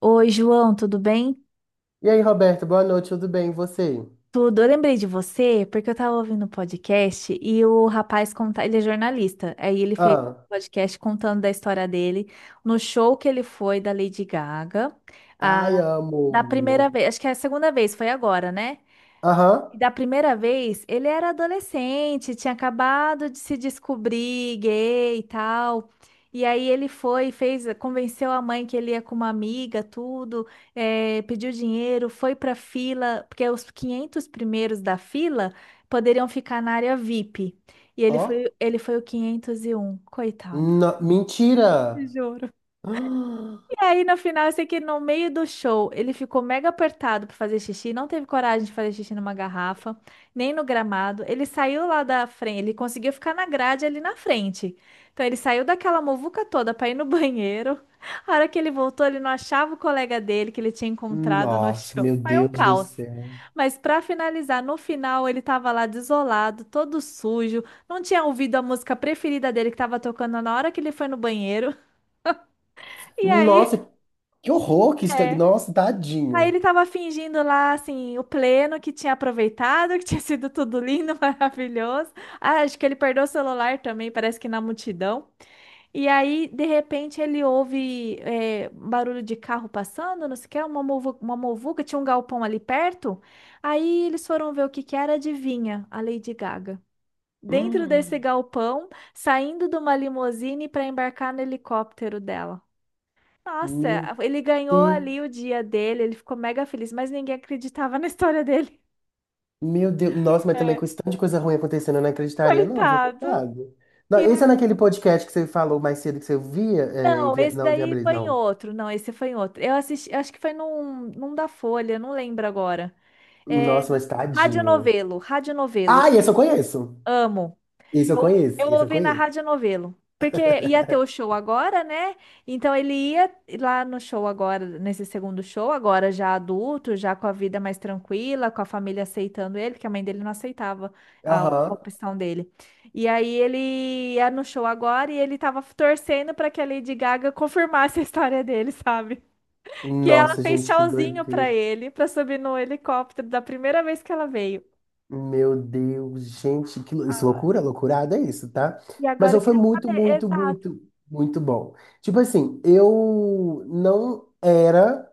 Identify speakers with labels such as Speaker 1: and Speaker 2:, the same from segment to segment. Speaker 1: Oi, João, tudo bem?
Speaker 2: E aí, Roberto, boa noite, tudo bem? E você?
Speaker 1: Tudo. Eu lembrei de você porque eu tava ouvindo um podcast e o rapaz conta, ele é jornalista. Aí ele fez
Speaker 2: Ah,
Speaker 1: um podcast contando da história dele no show que ele foi da Lady Gaga,
Speaker 2: ai,
Speaker 1: a da
Speaker 2: amo.
Speaker 1: primeira vez, acho que é a segunda vez, foi agora, né?
Speaker 2: Aham,
Speaker 1: E da primeira vez, ele era adolescente, tinha acabado de se descobrir gay e tal. E aí ele foi, fez, convenceu a mãe que ele ia com uma amiga, tudo, pediu dinheiro, foi para fila, porque os 500 primeiros da fila poderiam ficar na área VIP. E
Speaker 2: ó.
Speaker 1: ele foi o 501, coitado.
Speaker 2: Mentira!
Speaker 1: Juro.
Speaker 2: Ah,
Speaker 1: Aí no final, eu sei que no meio do show ele ficou mega apertado pra fazer xixi, não teve coragem de fazer xixi numa garrafa, nem no gramado. Ele saiu lá da frente, ele conseguiu ficar na grade ali na frente. Então ele saiu daquela muvuca toda pra ir no banheiro. A hora que ele voltou, ele não achava o colega dele que ele tinha encontrado no
Speaker 2: nossa,
Speaker 1: show.
Speaker 2: meu
Speaker 1: Foi um
Speaker 2: Deus do
Speaker 1: caos.
Speaker 2: céu.
Speaker 1: Mas pra finalizar, no final ele tava lá desolado, todo sujo, não tinha ouvido a música preferida dele que tava tocando na hora que ele foi no banheiro. E aí,
Speaker 2: Nossa, que horror que está.
Speaker 1: é.
Speaker 2: Nossa,
Speaker 1: Aí
Speaker 2: tadinho.
Speaker 1: ele tava fingindo lá, assim, o pleno que tinha aproveitado, que tinha sido tudo lindo, maravilhoso. Ah, acho que ele perdeu o celular também, parece que na multidão. E aí, de repente, ele ouve barulho de carro passando, não sei o que, uma muvuca, tinha um galpão ali perto. Aí eles foram ver o que que era, adivinha, a Lady Gaga. Dentro desse
Speaker 2: Hum.
Speaker 1: galpão, saindo de uma limusine para embarcar no helicóptero dela. Nossa,
Speaker 2: Meu
Speaker 1: ele ganhou
Speaker 2: Deus.
Speaker 1: ali o dia dele, ele ficou mega feliz, mas ninguém acreditava na história dele.
Speaker 2: Meu Deus. Nossa, mas também
Speaker 1: É.
Speaker 2: com esse tanto de coisa ruim acontecendo, eu não acreditaria, não, viu?
Speaker 1: Coitado.
Speaker 2: Coitado. Não,
Speaker 1: E
Speaker 2: esse é
Speaker 1: é-
Speaker 2: naquele podcast que você falou mais cedo que você via. É,
Speaker 1: Não, esse
Speaker 2: não,
Speaker 1: daí
Speaker 2: inviabilidade,
Speaker 1: foi em
Speaker 2: não.
Speaker 1: outro. Não, esse foi em outro. Eu assisti, acho que foi num da Folha, não lembro agora. É,
Speaker 2: Nossa, mas tadinho.
Speaker 1: Radionovelo, Radionovelo.
Speaker 2: Ah, esse eu conheço.
Speaker 1: Amo.
Speaker 2: Isso eu
Speaker 1: Eu,
Speaker 2: conheço,
Speaker 1: eu
Speaker 2: isso eu
Speaker 1: ouvi na
Speaker 2: conheço.
Speaker 1: Rádio Novelo. Porque ia ter o show agora, né? Então ele ia lá no show agora, nesse segundo show, agora já adulto, já com a vida mais tranquila, com a família aceitando ele, porque a mãe dele não aceitava a
Speaker 2: Aham.
Speaker 1: opção dele. E aí ele ia no show agora e ele tava torcendo para que a Lady Gaga confirmasse a história dele, sabe? Que ela
Speaker 2: Nossa,
Speaker 1: fez
Speaker 2: gente, que
Speaker 1: tchauzinho para
Speaker 2: doideira.
Speaker 1: ele, para subir no helicóptero da primeira vez que ela veio.
Speaker 2: Meu Deus, gente, isso é
Speaker 1: Ah,
Speaker 2: loucura, loucurada é isso, tá?
Speaker 1: e
Speaker 2: Mas
Speaker 1: agora eu
Speaker 2: eu foi
Speaker 1: queria
Speaker 2: muito,
Speaker 1: saber,
Speaker 2: muito,
Speaker 1: exato.
Speaker 2: muito, muito bom. Tipo assim, eu não era,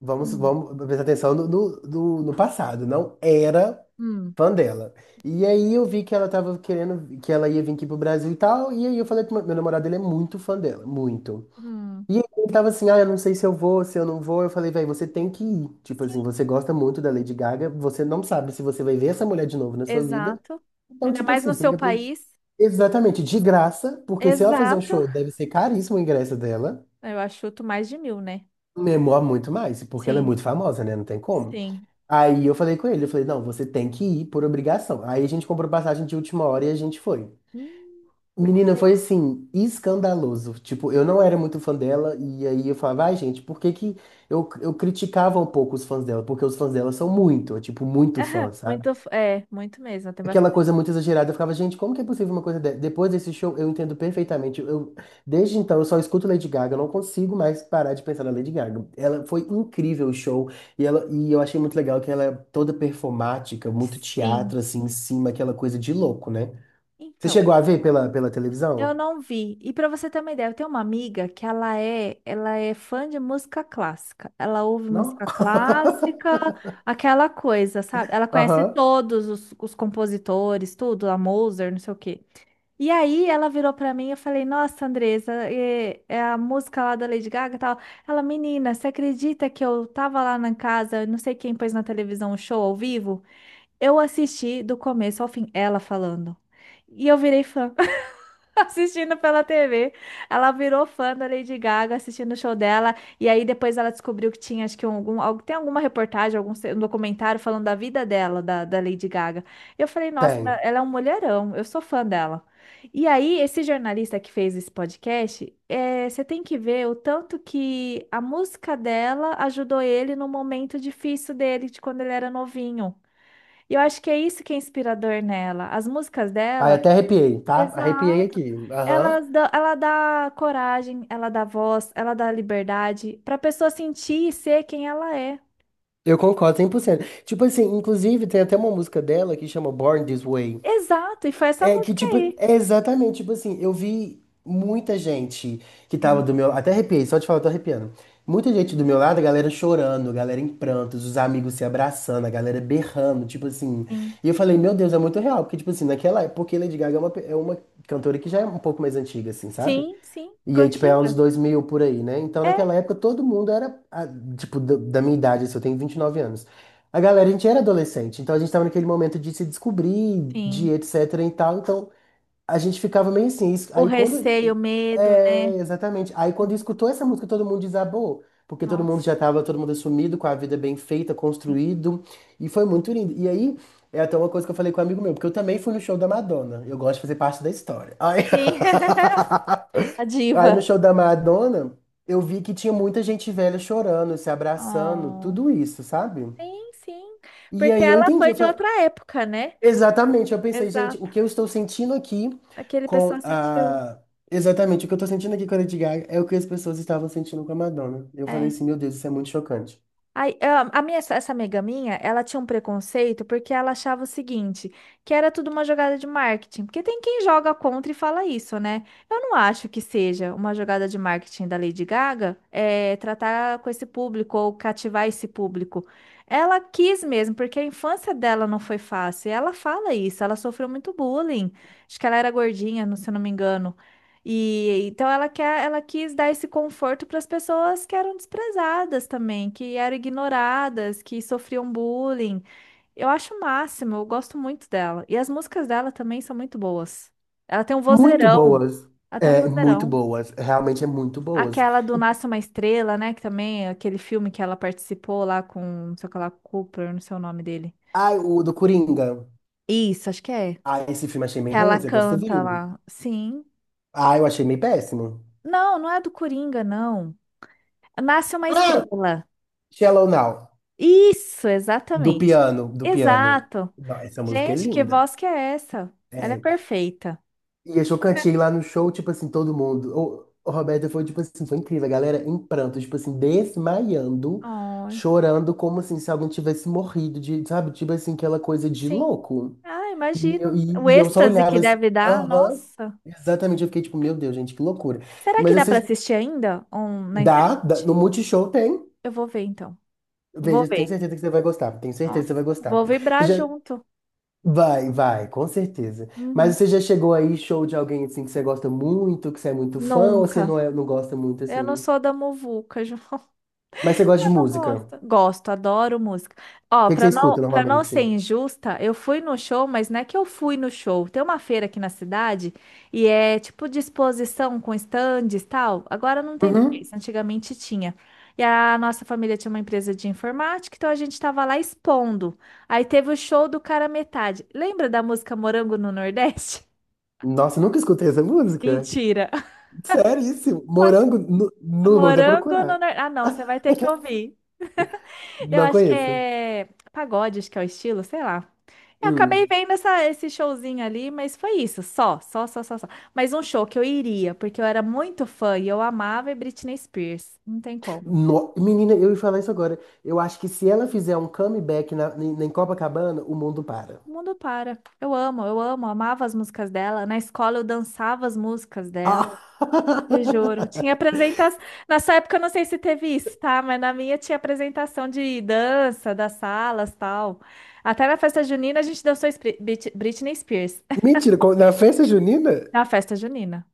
Speaker 2: vamos,
Speaker 1: Hum.
Speaker 2: vamos prestar atenção no passado, não era
Speaker 1: Hum.
Speaker 2: fã dela. E aí eu vi que ela tava querendo, que ela ia vir aqui pro Brasil e tal, e aí eu falei que meu namorado, ele é muito fã dela, muito.
Speaker 1: Hum,
Speaker 2: E ele tava assim, ah, eu não sei se eu vou, se eu não vou. Eu falei, velho, você tem que ir. Tipo assim,
Speaker 1: sim,
Speaker 2: você gosta muito da Lady Gaga, você não sabe se você vai ver essa mulher de novo na sua vida.
Speaker 1: exato.
Speaker 2: Então,
Speaker 1: Ainda
Speaker 2: tipo
Speaker 1: mais no
Speaker 2: assim, tem
Speaker 1: seu
Speaker 2: que aproveitar.
Speaker 1: país.
Speaker 2: Exatamente, de graça, porque se ela fazer um
Speaker 1: Exato.
Speaker 2: show, deve ser caríssimo o ingresso dela.
Speaker 1: Eu achuto mais de 1.000, né?
Speaker 2: Memor muito mais, porque ela é
Speaker 1: Sim,
Speaker 2: muito famosa, né? Não tem como.
Speaker 1: sim.
Speaker 2: Aí eu falei com ele, eu falei, não, você tem que ir por obrigação. Aí a gente comprou passagem de última hora e a gente foi.
Speaker 1: Hum,
Speaker 2: Menina,
Speaker 1: sei.
Speaker 2: foi assim, escandaloso. Tipo, eu não era muito fã dela, e aí eu falava, ai, gente, por que que. Eu criticava um pouco os fãs dela, porque os fãs dela são muito, tipo, muito fã, sabe?
Speaker 1: Muito, muito mesmo, tem
Speaker 2: Aquela
Speaker 1: bastante.
Speaker 2: coisa muito exagerada, eu ficava, gente, como que é possível uma coisa dessa? Depois desse show, eu entendo perfeitamente. Eu, desde então, eu só escuto Lady Gaga, eu não consigo mais parar de pensar na Lady Gaga. Ela foi incrível o show, e eu achei muito legal que ela é toda performática, muito
Speaker 1: Sim.
Speaker 2: teatro, assim, em cima, aquela coisa de louco, né? Você
Speaker 1: Então,
Speaker 2: chegou a ver pela
Speaker 1: eu
Speaker 2: televisão?
Speaker 1: não vi. E pra você ter uma ideia, eu tenho uma amiga que ela é fã de música clássica. Ela ouve
Speaker 2: Não?
Speaker 1: música clássica, aquela coisa, sabe? Ela conhece
Speaker 2: Aham,
Speaker 1: todos os compositores, tudo, a Mozart, não sei o quê. E aí ela virou pra mim e eu falei, nossa, Andresa, é a música lá da Lady Gaga e tal. Ela, menina, você acredita que eu tava lá na casa, não sei quem pôs na televisão um show ao vivo? Eu assisti do começo ao fim, ela falando. E eu virei fã assistindo pela TV. Ela virou fã da Lady Gaga, assistindo o show dela. E aí depois ela descobriu que tinha, acho que tem alguma reportagem, algum se- um documentário falando da vida dela, da Lady Gaga. E eu falei, nossa, ela
Speaker 2: tem.
Speaker 1: ela é um mulherão, eu sou fã dela. E aí, esse jornalista que fez esse podcast, você tem que ver o tanto que a música dela ajudou ele no momento difícil dele, de quando ele era novinho. E eu acho que é isso que é inspirador nela. As músicas
Speaker 2: Aí
Speaker 1: dela.
Speaker 2: até arrepiei, tá? Arrepiei
Speaker 1: Exato.
Speaker 2: aqui. Aham.
Speaker 1: Ela dá coragem, ela dá voz, ela dá liberdade para a pessoa sentir e ser quem ela é.
Speaker 2: Eu concordo 100%. Tipo assim, inclusive tem até uma música dela que chama Born This Way.
Speaker 1: Exato, e foi essa
Speaker 2: É que
Speaker 1: música
Speaker 2: tipo,
Speaker 1: aí.
Speaker 2: é exatamente, tipo assim, eu vi muita gente que tava
Speaker 1: Sim,
Speaker 2: do meu, lado, até arrepiei, só de falar eu tô arrepiando. Muita gente do meu lado, a galera chorando, a galera em prantos, os amigos se abraçando, a galera berrando, tipo assim.
Speaker 1: sim.
Speaker 2: E eu falei, meu Deus, é muito real, porque tipo assim, naquela, época, porque Lady Gaga é uma cantora que já é um pouco mais antiga assim, sabe?
Speaker 1: Sim, sim,
Speaker 2: E aí, tipo, é anos
Speaker 1: contigo.
Speaker 2: 2000 por aí, né? Então,
Speaker 1: É,
Speaker 2: naquela época, todo mundo era, tipo, da minha idade, assim, eu tenho 29 anos. A galera, a gente era adolescente, então a gente tava naquele momento de se descobrir, de
Speaker 1: sim.
Speaker 2: etc e tal. Então, a gente ficava meio assim.
Speaker 1: O
Speaker 2: Aí, quando.
Speaker 1: receio, o medo,
Speaker 2: É,
Speaker 1: né?
Speaker 2: exatamente. Aí, quando
Speaker 1: Uhum.
Speaker 2: escutou essa música, todo mundo desabou, porque todo mundo já
Speaker 1: Nossa,
Speaker 2: tava, todo mundo assumido, com a vida bem feita,
Speaker 1: sim.
Speaker 2: construído, e foi muito lindo. E aí, é até uma coisa que eu falei com um amigo meu, porque eu também fui no show da Madonna. Eu gosto de fazer parte da história. Ai.
Speaker 1: Sim. A
Speaker 2: Aí
Speaker 1: diva.
Speaker 2: no show da Madonna, eu vi que tinha muita gente velha chorando, se abraçando,
Speaker 1: Oh.
Speaker 2: tudo isso, sabe?
Speaker 1: Sim, sim.
Speaker 2: E
Speaker 1: Porque
Speaker 2: aí eu
Speaker 1: ela
Speaker 2: entendi,
Speaker 1: foi
Speaker 2: eu
Speaker 1: de
Speaker 2: falei,
Speaker 1: outra época, né?
Speaker 2: exatamente, eu pensei, gente, o
Speaker 1: Exato.
Speaker 2: que eu estou sentindo aqui
Speaker 1: Aquele
Speaker 2: com
Speaker 1: pessoal sentiu.
Speaker 2: a. Exatamente, o que eu estou sentindo aqui com a Lady Gaga é o que as pessoas estavam sentindo com a Madonna. Eu falei
Speaker 1: É.
Speaker 2: assim, meu Deus, isso é muito chocante.
Speaker 1: Aí, ah, essa amiga minha, ela tinha um preconceito porque ela achava o seguinte, que era tudo uma jogada de marketing. Porque tem quem joga contra e fala isso, né? Eu não acho que seja uma jogada de marketing da Lady Gaga, tratar com esse público ou cativar esse público. Ela quis mesmo, porque a infância dela não foi fácil. E ela fala isso, ela sofreu muito bullying. Acho que ela era gordinha, se eu não me engano. E então ela quis dar esse conforto para as pessoas que eram desprezadas também, que eram ignoradas, que sofriam bullying. Eu acho o máximo, eu gosto muito dela. E as músicas dela também são muito boas. Ela tem um
Speaker 2: Muito
Speaker 1: vozeirão,
Speaker 2: boas.
Speaker 1: ela tem um
Speaker 2: É, muito
Speaker 1: vozeirão.
Speaker 2: boas. Realmente é muito boas.
Speaker 1: Aquela do Nasce uma Estrela, né? Que também é aquele filme que ela participou lá com, não sei o que lá, Cooper, não sei o nome dele.
Speaker 2: Ai, o do Coringa.
Speaker 1: Isso, acho que é.
Speaker 2: Ah, esse filme achei
Speaker 1: Que
Speaker 2: meio
Speaker 1: ela
Speaker 2: ruim, você gostou,
Speaker 1: canta
Speaker 2: viu?
Speaker 1: lá. Sim.
Speaker 2: Ah, eu achei meio péssimo.
Speaker 1: Não, não é do Coringa, não. Nasce uma
Speaker 2: Ah,
Speaker 1: Estrela.
Speaker 2: Shallow Now.
Speaker 1: Isso,
Speaker 2: Do
Speaker 1: exatamente.
Speaker 2: piano, do piano.
Speaker 1: Exato.
Speaker 2: Não, essa música é
Speaker 1: Gente, que
Speaker 2: linda.
Speaker 1: voz que é essa? Ela é
Speaker 2: É.
Speaker 1: perfeita.
Speaker 2: E eu cantei lá no show, tipo assim, todo mundo. O Roberto foi, tipo assim, foi incrível. A galera em pranto, tipo assim, desmaiando,
Speaker 1: Ai,
Speaker 2: chorando, como assim, se alguém tivesse morrido, de, sabe? Tipo assim, aquela coisa de
Speaker 1: sim.
Speaker 2: louco.
Speaker 1: Ah,
Speaker 2: E eu,
Speaker 1: imagino. O
Speaker 2: e, e eu só
Speaker 1: êxtase que
Speaker 2: olhava assim,
Speaker 1: deve dar,
Speaker 2: aham,
Speaker 1: nossa.
Speaker 2: exatamente. Eu fiquei tipo, meu Deus, gente, que loucura.
Speaker 1: Será
Speaker 2: Mas
Speaker 1: que dá para
Speaker 2: vocês,
Speaker 1: assistir ainda na
Speaker 2: dá, dá, no
Speaker 1: internet?
Speaker 2: Multishow tem.
Speaker 1: Eu vou ver então. Vou
Speaker 2: Veja, tenho
Speaker 1: ver.
Speaker 2: certeza que você vai gostar. Tenho certeza que
Speaker 1: Nossa,
Speaker 2: você vai gostar.
Speaker 1: vou vibrar junto.
Speaker 2: Vai, vai, com certeza. Mas
Speaker 1: Uhum.
Speaker 2: você já chegou aí, show de alguém assim que você gosta muito, que você é muito fã, ou você não,
Speaker 1: Nunca.
Speaker 2: é, não gosta muito
Speaker 1: Eu não
Speaker 2: assim?
Speaker 1: sou da muvuca, João.
Speaker 2: Mas você gosta de
Speaker 1: Não
Speaker 2: música?
Speaker 1: gosto.
Speaker 2: O
Speaker 1: Gosto, adoro música. Ó,
Speaker 2: que que você
Speaker 1: pra não,
Speaker 2: escuta
Speaker 1: pra não
Speaker 2: normalmente?
Speaker 1: ser injusta, eu fui no show, mas não é que eu fui no show. Tem uma feira aqui na cidade e é tipo de exposição com estandes e tal. Agora não tem
Speaker 2: Uhum.
Speaker 1: mais, antigamente tinha. E a nossa família tinha uma empresa de informática, então a gente tava lá expondo. Aí teve o show do Cara Metade. Lembra da música Morango no Nordeste?
Speaker 2: Nossa, nunca escutei essa música.
Speaker 1: Mentira.
Speaker 2: Seríssimo.
Speaker 1: Eu acho
Speaker 2: Morango,
Speaker 1: que
Speaker 2: vou até
Speaker 1: Morango no
Speaker 2: procurar.
Speaker 1: Nordeste. Ah, não, você vai ter que ouvir. Eu
Speaker 2: Não
Speaker 1: acho que
Speaker 2: conheço.
Speaker 1: é pagode, acho que é o estilo, sei lá. Eu acabei
Speaker 2: Hum.
Speaker 1: vendo esse showzinho ali, mas foi isso, só, só, só, só, só. Mas um show que eu iria, porque eu era muito fã e eu amava é Britney Spears. Não tem como.
Speaker 2: Menina, eu ia falar isso agora. Eu acho que se ela fizer um comeback na, em em Copacabana, o mundo para.
Speaker 1: O mundo para. Eu amo, amava as músicas dela. Na escola eu dançava as músicas dela,
Speaker 2: Ah!
Speaker 1: eu juro. Tinha apresentação. Nessa época eu não sei se teve isso, tá? Mas na minha tinha apresentação de dança, das salas, tal. Até na festa junina a gente dançou Britney Spears.
Speaker 2: Mentira, na festa junina?
Speaker 1: Na festa junina.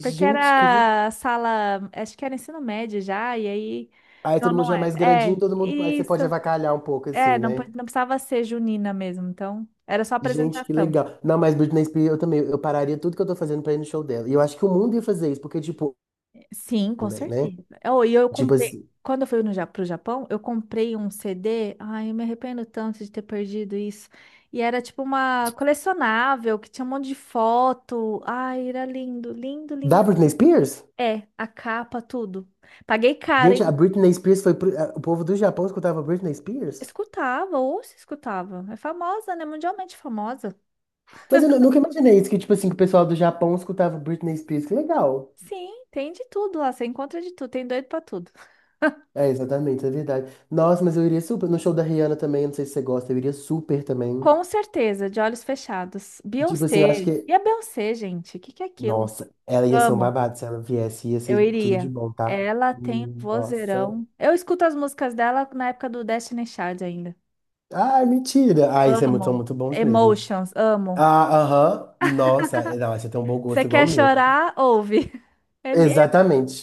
Speaker 1: Porque
Speaker 2: que.
Speaker 1: era sala, acho que era ensino médio já, e aí.
Speaker 2: Aí
Speaker 1: Não,
Speaker 2: todo mundo
Speaker 1: não
Speaker 2: já é
Speaker 1: era.
Speaker 2: mais grandinho,
Speaker 1: É,
Speaker 2: todo mundo. Aí você
Speaker 1: isso.
Speaker 2: pode avacalhar um pouco,
Speaker 1: É,
Speaker 2: assim,
Speaker 1: não,
Speaker 2: né?
Speaker 1: não precisava ser junina mesmo, então era só
Speaker 2: Gente, que
Speaker 1: apresentação.
Speaker 2: legal. Não, mas Britney Spears, eu também. Eu pararia tudo que eu tô fazendo pra ir no show dela. E eu acho que o mundo ia fazer isso, porque, tipo,
Speaker 1: Sim, com
Speaker 2: também, né?
Speaker 1: certeza. Oh, e eu
Speaker 2: Tipo
Speaker 1: comprei.
Speaker 2: assim.
Speaker 1: Quando eu fui no, Ja- pro Japão, eu comprei um CD. Ai, eu me arrependo tanto de ter perdido isso. E era tipo uma colecionável que tinha um monte de foto. Ai, era lindo, lindo, lindo.
Speaker 2: Da Britney Spears?
Speaker 1: É, a capa, tudo. Paguei caro.
Speaker 2: Gente, a Britney Spears foi. O povo do Japão escutava Britney Spears?
Speaker 1: Escutava, ou se escutava. É famosa, né? Mundialmente famosa.
Speaker 2: Mas eu nunca imaginei isso, que, tipo assim, que o pessoal do Japão escutava Britney Spears. Que legal.
Speaker 1: Sim, tem de tudo lá, você encontra de tudo, tem doido pra tudo.
Speaker 2: É, exatamente, é verdade. Nossa, mas eu iria super. No show da Rihanna também, não sei se você gosta, eu iria super também.
Speaker 1: Com certeza, de olhos fechados.
Speaker 2: E, tipo assim, eu acho
Speaker 1: Beyoncé.
Speaker 2: que.
Speaker 1: E a Beyoncé, gente? O que que é aquilo?
Speaker 2: Nossa, ela ia ser um
Speaker 1: Amo,
Speaker 2: babado se ela viesse, ia
Speaker 1: eu
Speaker 2: ser tudo de
Speaker 1: iria.
Speaker 2: bom, tá?
Speaker 1: Ela tem um
Speaker 2: Nossa.
Speaker 1: vozeirão. Eu escuto as músicas dela na época do Destiny Child ainda.
Speaker 2: Ai, mentira. Ai, vocês são
Speaker 1: Amo.
Speaker 2: muito bons mesmo.
Speaker 1: Emotions, amo.
Speaker 2: Ah, aham. Nossa, é, não, você tem um bom
Speaker 1: Você
Speaker 2: gosto igual o
Speaker 1: quer
Speaker 2: meu.
Speaker 1: chorar? Ouve. É,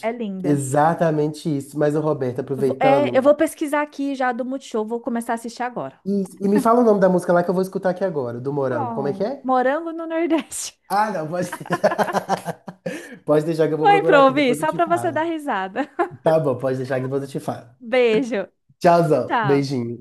Speaker 1: é linda.
Speaker 2: Exatamente isso. Mas o Roberto,
Speaker 1: Eu vou, é, eu
Speaker 2: aproveitando.
Speaker 1: vou pesquisar aqui já do Multishow, vou começar a assistir agora.
Speaker 2: Isso. E me fala o nome da música lá que eu vou escutar aqui agora, do Morango. Como é que
Speaker 1: Bom,
Speaker 2: é?
Speaker 1: morango no Nordeste.
Speaker 2: Ah, não, pode deixar. Pode deixar que eu vou
Speaker 1: Põe
Speaker 2: procurar
Speaker 1: pra
Speaker 2: aqui,
Speaker 1: ouvir,
Speaker 2: depois eu
Speaker 1: só
Speaker 2: te
Speaker 1: pra você dar
Speaker 2: falo.
Speaker 1: risada.
Speaker 2: Tá bom, pode deixar que depois eu te falo.
Speaker 1: Beijo.
Speaker 2: Tchauzão,
Speaker 1: Tchau.
Speaker 2: beijinho.